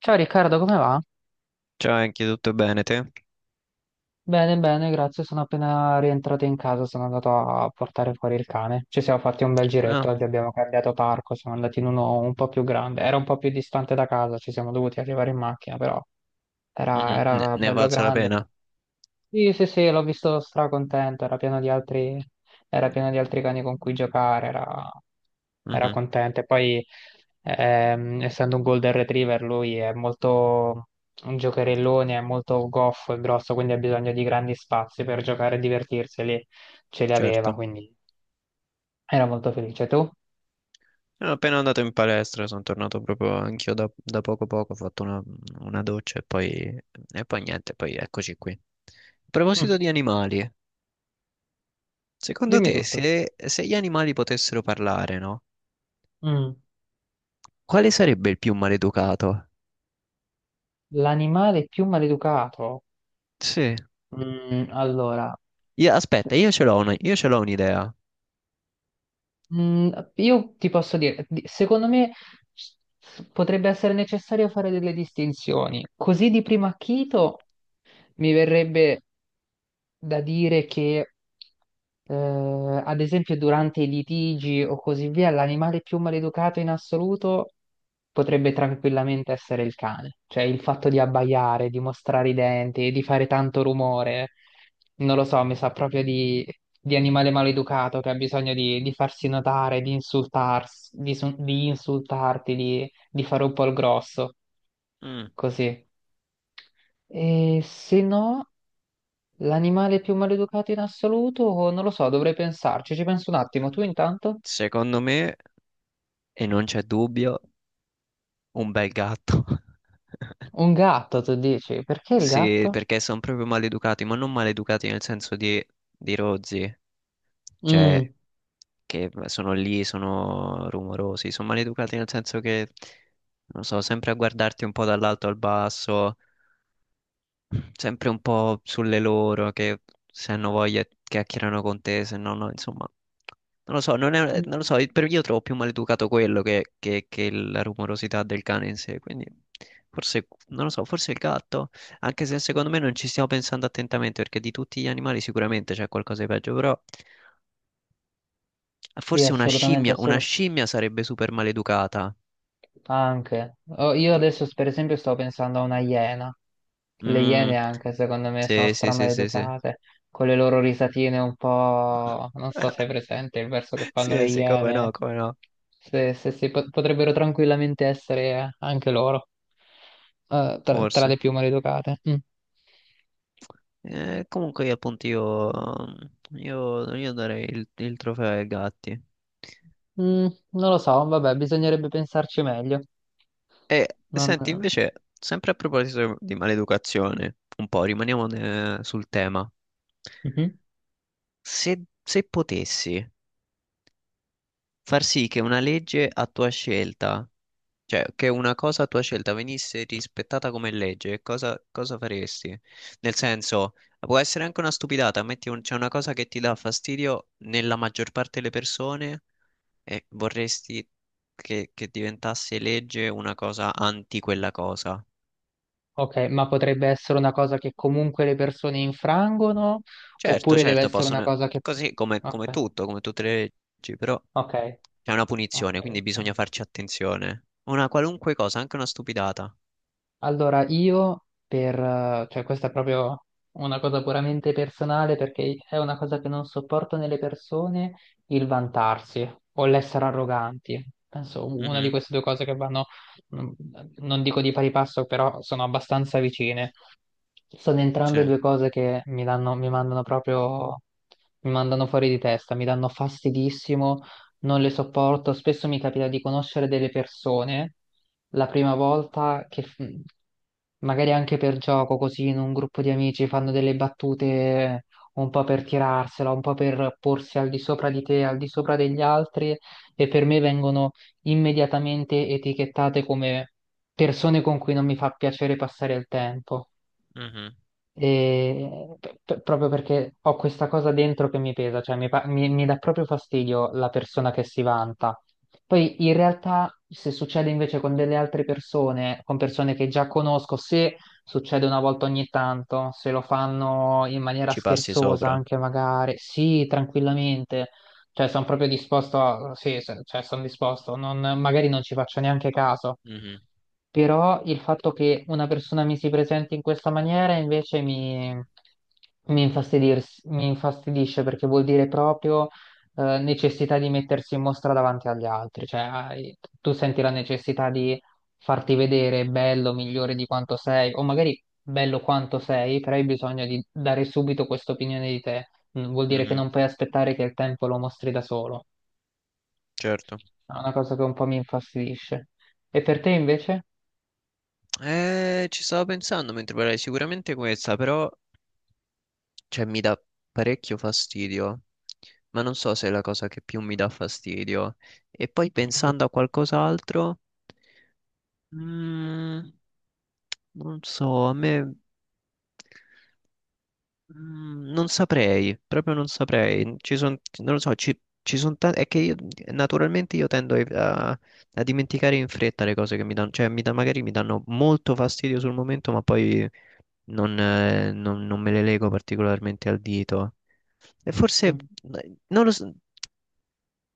Ciao Riccardo, come va? Ciao, anche tutto bene te? Bene, bene, grazie. Sono appena rientrato in casa, sono andato a portare fuori il cane. Ci siamo fatti un bel giretto, Ah, oggi abbiamo cambiato parco, siamo andati in uno un po' più grande. Era un po' più distante da casa, ci siamo dovuti arrivare in macchina, però era, mhm, Ne, era ne è bello valsa la grande. pena? Sì, sì, sì, l'ho visto stracontento, era pieno di altri cani con cui giocare, era Mhm, contento. E poi, essendo un Golden Retriever, lui è molto un giocherellone, è molto goffo e grosso, quindi ha bisogno di grandi spazi per giocare e divertirsi, e lì ce li aveva, certo. quindi era molto felice. Tu? Sono appena andato in palestra, sono tornato proprio anch'io da poco poco, ho fatto una doccia e poi niente, poi eccoci qui. A proposito Mm, di animali, secondo Dimmi te tutto. Se gli animali potessero parlare, no? Mm. Quale sarebbe il più maleducato? L'animale più maleducato? Sì. Allora, Aspetta, io ce l'ho un'idea. Mm, io ti posso dire, secondo me s- potrebbe essere necessario fare delle distinzioni. Così di primo acchito, mi verrebbe da dire che, eh, ad esempio, durante i litigi o così via, l'animale più maleducato in assoluto potrebbe tranquillamente essere il cane. Cioè il fatto di abbaiare, di mostrare i denti, di fare tanto rumore, non lo so, mi sa proprio di animale maleducato che ha bisogno di farsi notare, di insultarsi, di insultarti, di fare un po' il grosso, Mm. così. E se no. L'animale più maleducato in assoluto? Non lo so, dovrei pensarci. Ci penso un attimo. Tu intanto? Secondo me, e non c'è dubbio, un bel gatto. Un gatto, tu dici. Perché il Sì, gatto? perché sono proprio maleducati, ma non maleducati nel senso di rozzi, cioè Mm. che sono lì, sono rumorosi, sono maleducati nel senso che, non so, sempre a guardarti un po' dall'alto al basso, sempre un po' sulle loro, che se hanno voglia chiacchierano con te, se no, no, insomma, non lo so, non lo Mm. so, per io trovo più maleducato quello che la rumorosità del cane in sé, quindi forse, non lo so, forse il gatto, anche se secondo me non ci stiamo pensando attentamente, perché di tutti gli animali sicuramente c'è qualcosa di peggio, però Sì, forse assolutamente, è una solo. scimmia sarebbe super maleducata, Anche. Oh, io che... adesso per esempio sto pensando a una iena. Le Mm, iene anche secondo me sono sì, sì, sì, sì, sì. stramaleducate, con le loro risatine un po'. Non so se è presente il verso che fanno le Sì, sì, come no, iene, come no, se potrebbero tranquillamente essere anche loro, tra forse. le più maleducate. Mm. Comunque io io darei il trofeo ai gatti. Non lo so, vabbè, bisognerebbe pensarci meglio. E Non. senti, invece, sempre a proposito di maleducazione, un po' rimaniamo sul tema. Mhm. Se potessi far sì che una legge a tua scelta, cioè che una cosa a tua scelta venisse rispettata come legge, cosa faresti? Nel senso, può essere anche una stupidata, c'è una cosa che ti dà fastidio nella maggior parte delle persone. E vorresti che diventasse legge una cosa anti quella cosa. Ok, ma potrebbe essere una cosa che comunque le persone infrangono, Certo, oppure deve certo, essere una possono, cosa che. così come Ok, tutto, come tutte le leggi, però ok, ok. c'è una punizione, quindi Ok. bisogna farci attenzione. Una qualunque cosa, anche una stupidata. Allora io cioè questa è proprio una cosa puramente personale perché è una cosa che non sopporto nelle persone, il vantarsi o l'essere arroganti. Penso una di Mhm, queste due cose che vanno, non non dico di pari passo, però sono abbastanza vicine. Sono entrambe sì, due cose che mi danno, mi mandano proprio, mi mandano fuori di testa, mi danno fastidissimo, non le sopporto. Spesso mi capita di conoscere delle persone la prima volta che magari anche per gioco, così in un gruppo di amici fanno delle battute un po' per tirarsela, un po' per porsi al di sopra di te, al di sopra degli altri e per me vengono immediatamente etichettate come persone con cui non mi fa piacere passare il tempo. mhm. E proprio perché ho questa cosa dentro che mi pesa, cioè mi dà proprio fastidio la persona che si vanta. Poi in realtà se succede invece con delle altre persone, con persone che già conosco, se succede una volta ogni tanto, se lo fanno in maniera Ci passi scherzosa sopra. anche magari, sì, tranquillamente, cioè, sono proprio disposto a. Sì, cioè, sono disposto. Non, magari non ci faccio neanche caso. Mhm, Però il fatto che una persona mi si presenti in questa maniera invece mi infastidisce perché vuol dire proprio necessità di mettersi in mostra davanti agli altri. Cioè, tu senti la necessità di farti vedere bello, migliore di quanto sei, o magari bello quanto sei, però hai bisogno di dare subito questa opinione di te. Vuol dire che mhm, non puoi aspettare che il tempo lo mostri da solo. certo. È una cosa che un po' mi infastidisce. E per te invece? Ci stavo pensando mentre parlavi, sicuramente questa, però cioè mi dà parecchio fastidio, ma non so se è la cosa che più mi dà fastidio. E poi pensando a qualcos'altro, mm, non so, a me non saprei, proprio non saprei. Ci sono, non lo so, ci sono tanti, è che io, naturalmente io tendo a dimenticare in fretta le cose che mi danno, magari mi danno molto fastidio sul momento, ma poi non me le lego particolarmente al dito. E forse, Mm. Non lo so,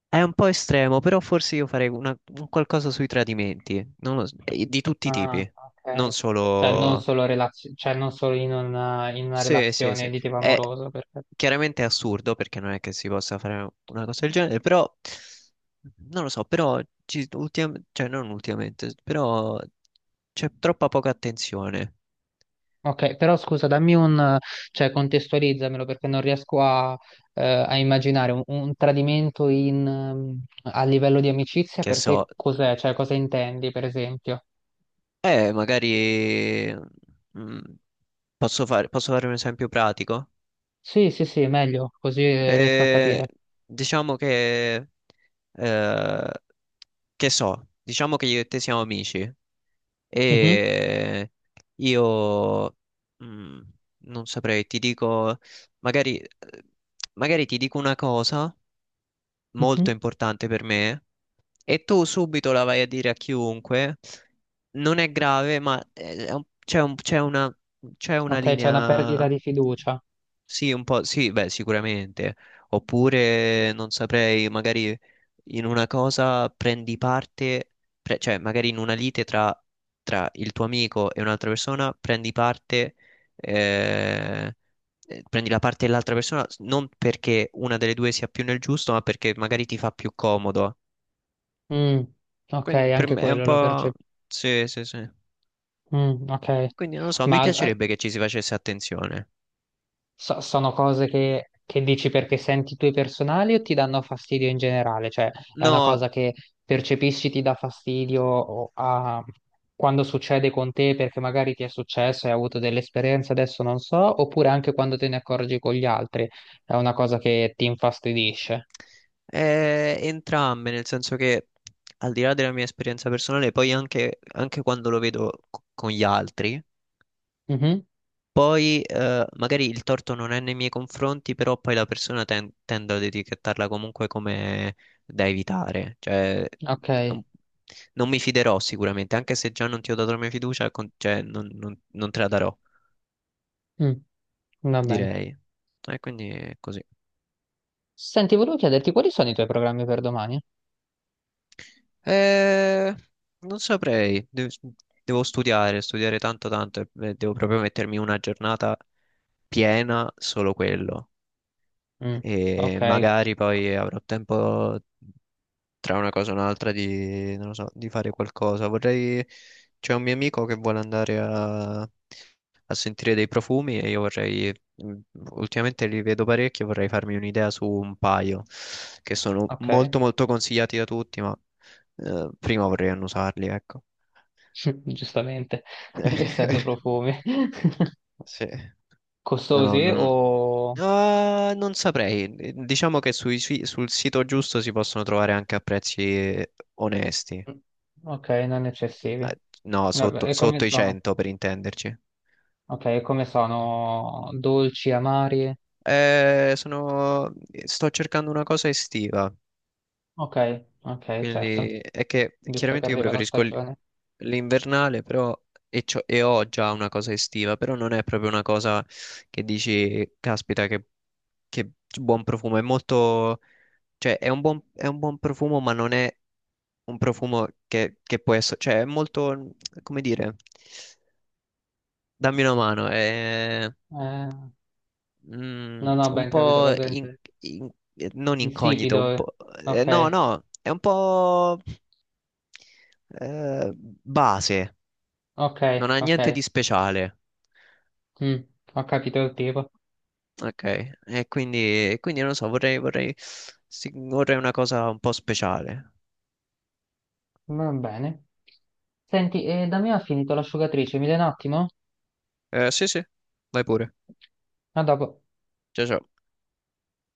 è un po' estremo, però forse un qualcosa sui tradimenti, non lo so, di tutti i Ah, tipi, non ok. Cioè non solo... solo, cioè, non solo in una, Sì, sì, relazione sì. di tipo È amoroso, perfetto. chiaramente è assurdo perché non è che si possa fare una cosa del genere, però non lo so, però cioè non ultimamente, però c'è troppa poca attenzione, Ok, però scusa, dammi un, cioè contestualizzamelo perché non riesco a immaginare un tradimento in, a livello di amicizia che per te so. cos'è? Cioè cosa intendi, per esempio? Magari mm, posso fare un esempio pratico. Sì, sì, sì, meglio, così riesco a Eh, capire. diciamo eh, che so, diciamo che io e te siamo amici Mhm, e io mm, non saprei, ti dico, magari, magari ti dico una cosa mhm. molto importante per me e tu subito la vai a dire a chiunque, non è grave, c'è c'è c'è una Ok, c'è una perdita linea, di fiducia. sì, un po', sì, beh, sicuramente. Oppure, non saprei, magari in una cosa prendi parte, cioè magari in una lite tra il tuo amico e un'altra persona prendi parte eh, prendi la parte dell'altra persona non perché una delle due sia più nel giusto, ma perché magari ti fa più comodo. Mm, ok, Quindi per anche me è un quello lo po'... percepisco. Sì, sì, sì. Ok, Quindi non lo so, mi ma piacerebbe che ci si facesse attenzione. Sono cose che dici perché senti tue personali o ti danno fastidio in generale? Cioè, è una No, cosa che percepisci ti dà fastidio quando succede con te perché magari ti è successo e hai avuto delle esperienze, adesso non so, oppure anche quando te ne accorgi con gli altri, è una cosa che ti infastidisce. Entrambe, nel senso che al di là della mia esperienza personale, poi anche quando lo vedo con gli altri. Mhm. Poi magari il torto non è nei miei confronti, però poi la persona tende ad etichettarla comunque come da evitare. Cioè, Ok. è un- non mi fiderò sicuramente, anche se già non ti ho dato la mia fiducia, cioè, non te la darò, Mm. Va bene. direi. E quindi è così. Senti, volevo chiederti quali sono i tuoi programmi per domani? Eh, non saprei, devo studiare, studiare tanto tanto e devo proprio mettermi una giornata piena solo quello Mm, Ok, e magari poi avrò tempo tra una cosa e un'altra di, non lo so, di fare qualcosa. Vorrei, c'è un mio amico che vuole andare a sentire dei profumi e io vorrei, ultimamente li vedo parecchi e vorrei farmi un'idea su un paio che sono ok, molto molto consigliati da tutti, ma prima vorrei annusarli, ecco. giustamente, essendo profumi. Sì. No, no, Costosi o. non... Ah, non saprei. Diciamo che sul sito giusto si possono trovare anche a prezzi onesti. Ok, non eccessivi. No, Vabbè, sotto, e come sotto i sono? 100 per intenderci. Ok, e come sono? Dolci, amari? Eh, sono- sto cercando una cosa estiva, Ok, ok, certo, quindi è che visto che chiaramente arriva la stagione. l'invernale, però ho già una cosa estiva, però non è proprio una cosa che dici, caspita, che buon profumo, è molto, cioè è un buon profumo, ma non è un profumo che può essere, cioè è molto, come dire, dammi una mano, Eh, non ho un ben capito po' cosa intendi. Non incognito, Insipido. un Eh. po', Ok, no, no, è un po' base, ok, non ha ok. niente di speciale. Mm, Ho capito il tipo. Ok, e quindi, e quindi non lo so, sì, vorrei una cosa un po' speciale. Va bene. Senti, da me ha finito l'asciugatrice, mi dai un attimo? Sì, sì, vai pure. A dopo. Ciao, ciao.